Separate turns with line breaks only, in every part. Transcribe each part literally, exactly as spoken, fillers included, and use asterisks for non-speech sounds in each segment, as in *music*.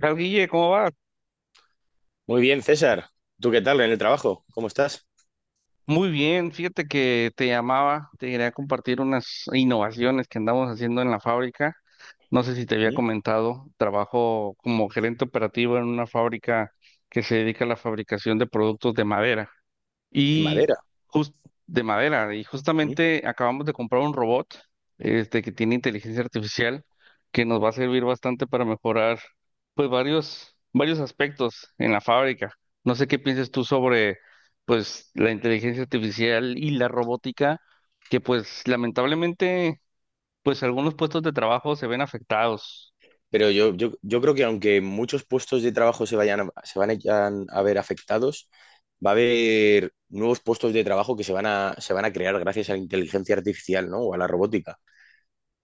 Tal Guille, ¿cómo va?
Muy bien, César. ¿Tú qué tal en el trabajo? ¿Cómo estás?
Muy bien, fíjate que te llamaba, te quería compartir unas innovaciones que andamos haciendo en la fábrica. No sé si te había
¿Mm?
comentado, trabajo como gerente operativo en una fábrica que se dedica a la fabricación de productos de madera
De
y
madera.
jus- de madera. Y
¿Mm?
justamente acabamos de comprar un robot este, que tiene inteligencia artificial que nos va a servir bastante para mejorar pues varios, varios aspectos en la fábrica. No sé qué piensas tú sobre pues la inteligencia artificial y la robótica, que pues lamentablemente pues algunos puestos de trabajo se ven afectados.
Pero yo, yo, yo creo que aunque muchos puestos de trabajo se vayan a, se van a, yan- a ver afectados, va a haber nuevos puestos de trabajo que se van a, se van a crear gracias a la inteligencia artificial, ¿no? O a la robótica.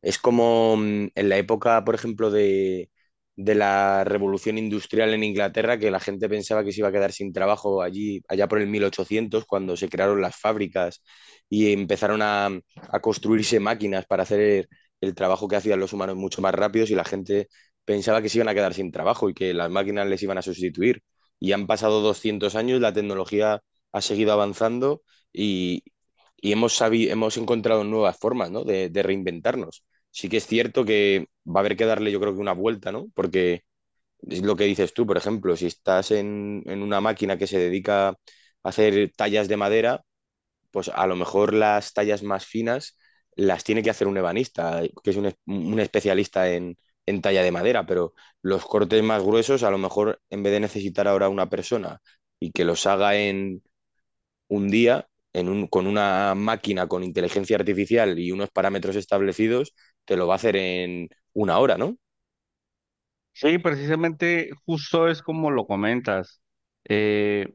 Es como mm, en la época, por ejemplo, de, de la revolución industrial en Inglaterra, que la gente pensaba que se iba a quedar sin trabajo allí, allá por el mil ochocientos, cuando se crearon las fábricas y empezaron a, a construirse máquinas para hacer el trabajo que hacían los humanos mucho más rápidos y la gente pensaba que se iban a quedar sin trabajo y que las máquinas les iban a sustituir. Y han pasado doscientos años, la tecnología ha seguido avanzando y, y hemos sabi- hemos encontrado nuevas formas, ¿no? de de reinventarnos. Sí que es cierto que va a haber que darle, yo creo que una vuelta, ¿no? Porque es lo que dices tú, por ejemplo, si estás en, en una máquina que se dedica a hacer tallas de madera, pues a lo mejor las tallas más finas las tiene que hacer un ebanista, que es un, es- un especialista en, en talla de madera, pero los cortes más gruesos, a lo mejor en vez de necesitar ahora una persona y que los haga un día en un, con una máquina con inteligencia artificial y unos parámetros establecidos, te lo va a hacer en una hora, ¿no?
Sí, precisamente justo es como lo comentas. Eh,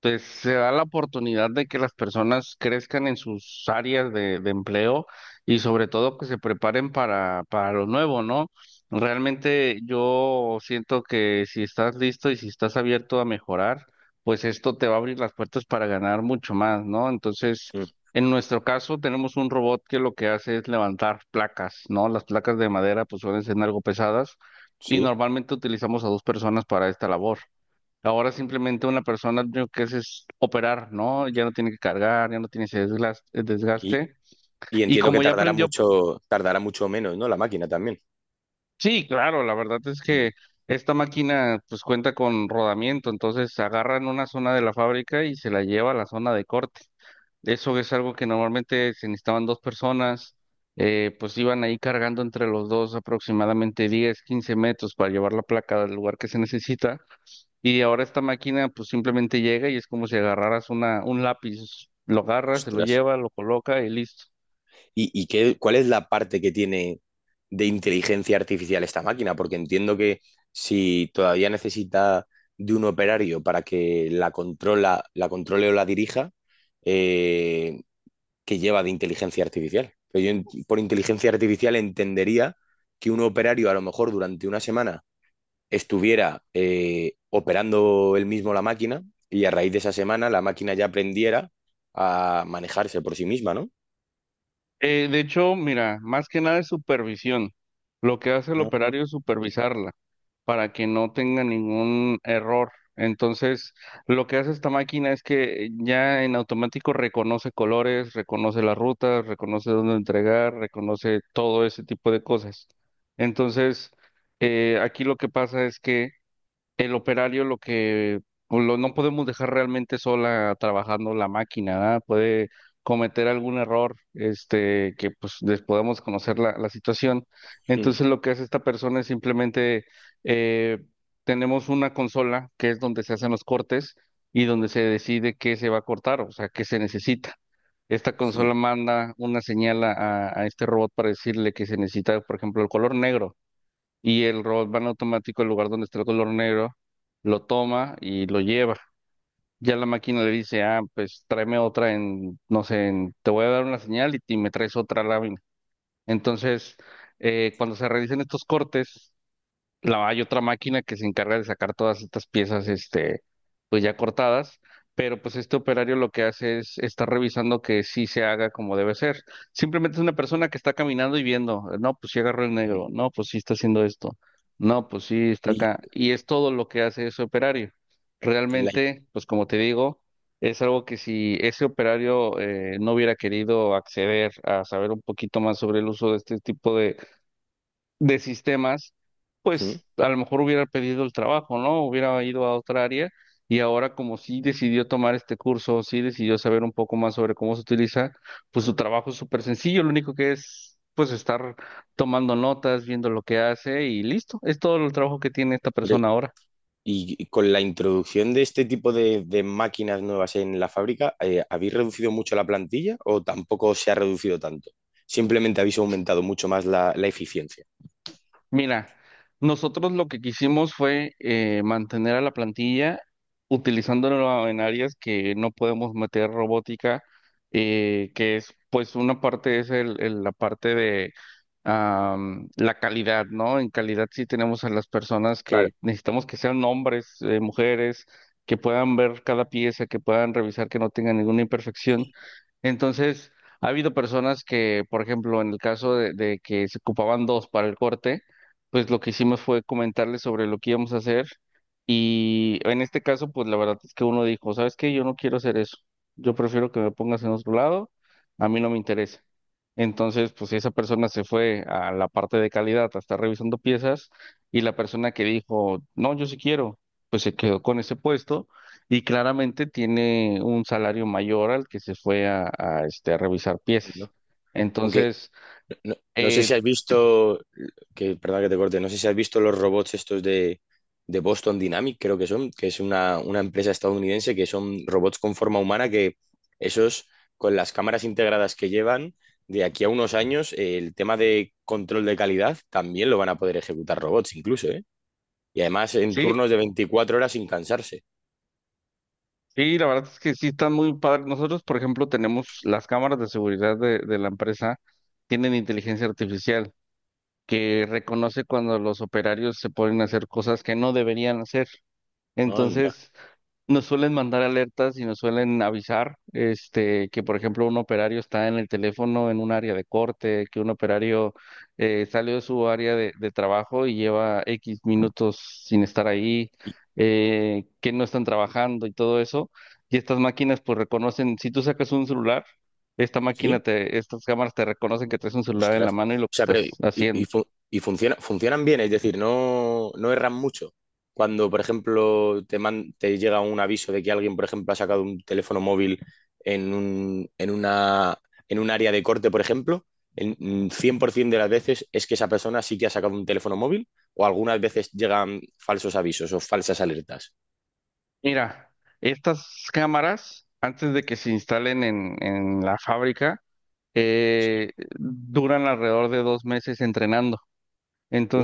Pues se da la oportunidad de que las personas crezcan en sus áreas de, de empleo y sobre todo que se preparen para, para lo nuevo, ¿no? Realmente yo siento que si estás listo y si estás abierto a mejorar, pues esto te va a abrir las puertas para ganar mucho más, ¿no? Entonces,
Mm.
en nuestro caso tenemos un robot que lo que hace es levantar placas, ¿no? Las placas de madera pues suelen ser algo pesadas y
Sí.
normalmente utilizamos a dos personas para esta labor. Ahora simplemente una persona lo que hace es operar, ¿no? Ya no tiene que cargar, ya no tiene ese desglas- eh,
Y,
desgaste.
y
Y
entiendo que
como ya
tardará
aprendió,
mucho, tardará mucho menos, ¿no? La máquina también.
sí, claro, la verdad es
Mm.
que esta máquina pues cuenta con rodamiento, entonces agarran una zona de la fábrica y se la lleva a la zona de corte. Eso es algo que normalmente se necesitaban dos personas, eh, pues iban ahí cargando entre los dos aproximadamente diez, quince metros para llevar la placa del lugar que se necesita. Y ahora esta máquina pues simplemente llega y es como si agarraras una, un lápiz, lo agarra, se lo
Ostras.
lleva, lo coloca y listo.
¿Y, y qué, cuál es la parte que tiene de inteligencia artificial esta máquina? Porque entiendo que si todavía necesita de un operario para que la controla, la controle o la dirija, eh, que lleva de inteligencia artificial. Pero yo por inteligencia artificial entendería que un operario a lo mejor durante una semana estuviera eh, operando él mismo la máquina y a raíz de esa semana la máquina ya aprendiera a manejarse por sí misma, ¿no?
Eh, de hecho, mira, más que nada es supervisión. Lo que hace el
No, no.
operario es supervisarla para que no tenga ningún error. Entonces, lo que hace esta máquina es que eh, ya en automático reconoce colores, reconoce las rutas, reconoce dónde entregar, reconoce todo ese tipo de cosas. Entonces, eh, aquí lo que pasa es que el operario lo que pues, lo, no podemos dejar realmente sola trabajando la máquina, ¿verdad? Puede cometer algún error, este, que pues les podamos conocer la, la situación.
Mm,
Entonces lo que hace esta persona es simplemente eh, tenemos una consola que es donde se hacen los cortes y donde se decide qué se va a cortar, o sea, qué se necesita. Esta
mm,
consola manda una señal a, a a este robot para decirle que se necesita, por ejemplo, el color negro y el robot va en automático al lugar donde está el color negro, lo toma y lo lleva. Ya la máquina le dice, ah, pues tráeme otra en, no sé, en- te voy a dar una señal y, y me traes otra lámina. Entonces, eh, cuando se realizan estos cortes, la, hay otra máquina que se encarga de sacar todas estas piezas, este, pues ya cortadas, pero pues este operario lo que hace es estar revisando que sí se haga como debe ser. Simplemente es una persona que está caminando y viendo, no, pues sí agarró el
mm.
negro, no, pues sí está haciendo esto, no, pues sí está
Y
acá. Y es todo lo que hace ese operario.
la-
Realmente, pues como te digo, es algo que si ese operario eh, no hubiera querido acceder a saber un poquito más sobre el uso de este tipo de sistemas,
mm.
pues a lo mejor hubiera pedido el trabajo, ¿no? Hubiera ido a otra área, y ahora como sí decidió tomar este curso, sí decidió saber un poco más sobre cómo se utiliza, pues su trabajo es súper sencillo, lo único que es pues estar tomando notas, viendo lo que hace y listo, es todo el trabajo que tiene esta
Oye,
persona ahora.
y con la introducción de este tipo de, de máquinas nuevas en la fábrica, eh, ¿habéis reducido mucho la plantilla o tampoco se ha reducido tanto? Simplemente habéis aumentado mucho más la la eficiencia.
Mira, nosotros lo que quisimos fue eh, mantener a la plantilla utilizándola en áreas que no podemos meter robótica, eh, que es, pues, una parte es el, el- la parte de am, la calidad, ¿no? En calidad sí tenemos a las personas
Claro,
que necesitamos que sean hombres, eh, mujeres, que puedan ver cada pieza, que puedan revisar que no tenga ninguna imperfección. Entonces, ha habido personas que, por ejemplo, en el caso de, de que se ocupaban dos para el corte, pues lo que hicimos fue comentarles sobre lo que íbamos a hacer y en este caso, pues la verdad es que uno dijo, ¿sabes qué? Yo no quiero hacer eso, yo prefiero que me pongas en otro lado, a mí no me interesa. Entonces, pues esa persona se fue a la parte de calidad a estar revisando piezas y la persona que dijo, no, yo sí quiero, pues se quedó con ese puesto y claramente tiene un salario mayor al que se fue a, a, este, a revisar piezas.
¿no? Aunque
Entonces,
no, no sé si has
eh,
visto, que perdón que te corte, no sé si has visto los robots estos de, de Boston Dynamic, creo que son, que es una, una empresa estadounidense, que son robots con forma humana que esos, con las cámaras integradas que llevan, de aquí a unos años, eh, el tema de control de calidad también lo van a poder ejecutar robots incluso, ¿eh? Y además en
sí,
turnos de veinticuatro horas sin cansarse.
Sí, la verdad es que sí están muy padres. Nosotros, por ejemplo, tenemos las cámaras de seguridad de, de la empresa, tienen inteligencia artificial que reconoce cuando los operarios se ponen a hacer cosas que no deberían hacer.
Anda.
Entonces, nos suelen mandar alertas y nos suelen avisar, este, que por ejemplo un operario está en el teléfono en un área de corte, que un operario eh, salió de su área de, de trabajo y lleva X minutos sin estar ahí,
¿Y-
eh, que no están trabajando y todo eso. Y estas máquinas pues reconocen, si tú sacas un celular, esta máquina
¿Sí?
te, estas cámaras te reconocen que traes un celular en la
Ostras.
mano y lo
O
que
sea, pero
estás
y, y,
haciendo.
fu- y funciona, funcionan bien, es decir, no, no erran mucho. Cuando, por ejemplo, te, man- te llega un aviso de que alguien, por ejemplo, ha sacado un teléfono móvil en un, en una, en un área de corte, por ejemplo, en mm, cien por ciento de las veces es que esa persona sí que ha sacado un teléfono móvil o algunas veces llegan falsos avisos o falsas alertas.
Mira, estas cámaras, antes de que se instalen en en la fábrica, eh, duran alrededor de dos meses entrenando.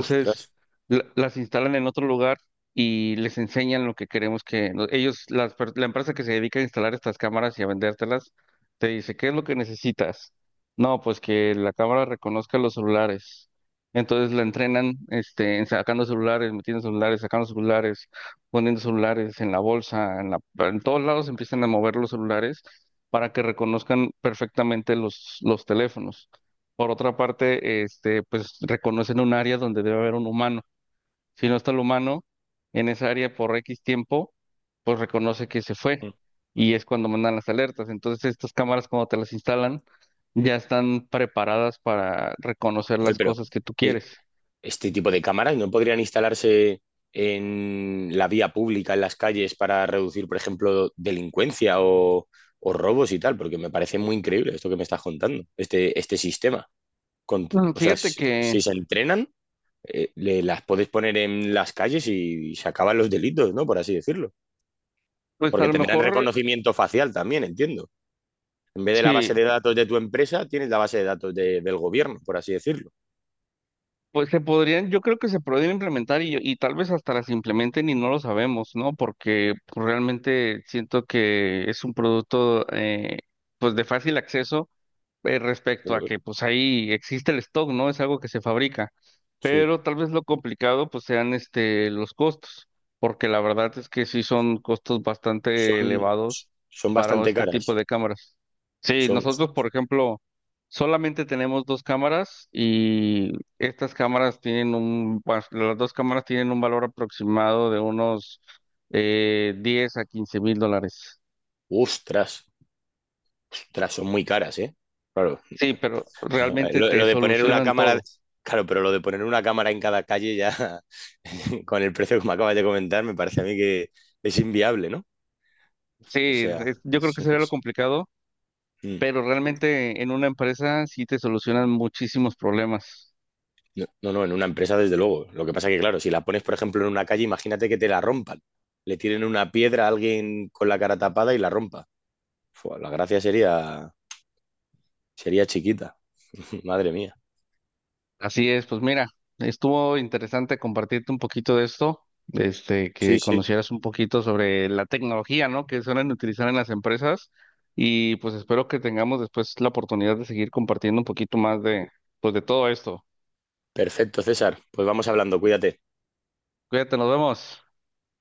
Ostras.
la- las instalan en otro lugar y les enseñan lo que queremos que lo- ellos, las per- la empresa que se dedica a instalar estas cámaras y a vendértelas, te dice, ¿qué es lo que necesitas? No, pues que la cámara reconozca los celulares. Entonces la entrenan, este, en sacando celulares, metiendo celulares, sacando celulares, poniendo celulares en la bolsa, en la, en todos lados empiezan a mover los celulares para que reconozcan perfectamente los, los teléfonos. Por otra parte, este, pues reconocen un área donde debe haber un humano. Si no está el humano en esa área por X tiempo, pues reconoce que se fue
Mm.
y es cuando mandan las alertas. Entonces, estas cámaras cuando te las instalan ya están preparadas para reconocer
Joder,
las
pero...
cosas que tú
eh,
quieres.
este tipo de cámaras no podrían instalarse en la vía pública, en las calles, para reducir, por ejemplo, delincuencia o, o robos y tal, porque me parece muy increíble esto que me estás contando, este, este sistema. Con-
Mm,
o sea,
fíjate
si,
que,
si se entrenan, eh, le- las puedes poner en las calles y se acaban los delitos, ¿no? Por así decirlo.
pues a
Porque
lo
tendrán
mejor
reconocimiento facial también, entiendo. En vez de la base de
sí.
datos de tu empresa, tienes la base de datos de- del gobierno, por así decirlo.
Pues se podrían, yo creo que se podrían implementar y, y tal vez hasta las implementen y no lo sabemos, ¿no? Porque pues, realmente siento que es un producto eh, pues de fácil acceso eh, respecto a
Joder,
que pues ahí existe el stock, ¿no? Es algo que se fabrica,
sí,
pero tal vez lo complicado pues sean este los costos, porque la verdad es que sí son costos bastante
son,
elevados
son
para
bastante
este
caras.
tipo de cámaras. Sí,
Son,
nosotros por ejemplo solamente tenemos dos cámaras y estas cámaras tienen un, pues, las dos cámaras tienen un valor aproximado de unos eh, diez a quince mil dólares.
ostras, ostras, son muy caras, ¿eh? Claro.
Sí, pero
*laughs*
realmente
Lo,
te
lo de poner una
solucionan
cámara,
todo.
claro, pero lo de poner una cámara en cada calle ya, *laughs* con el precio que me acabas de comentar, me parece a mí que es inviable, ¿no?
Sí,
O sea,
es- yo creo
es-
que sería lo
es-
complicado,
mm.
pero realmente en una empresa sí te solucionan muchísimos problemas.
No, no, no, en una empresa desde luego. Lo que pasa que, claro, si la pones, por ejemplo, en una calle, imagínate que te la rompan. Le tiren una piedra a alguien con la cara tapada y la rompa. Fua, la gracia sería, sería chiquita. *laughs* Madre mía.
Así es, pues mira, estuvo interesante compartirte un poquito de esto, este, que
Sí, sí.
conocieras un poquito sobre la tecnología, ¿no? Que suelen utilizar en las empresas y pues espero que tengamos después la oportunidad de seguir compartiendo un poquito más de, pues de todo esto.
Perfecto, César. Pues vamos hablando, cuídate.
Cuídate, nos vemos.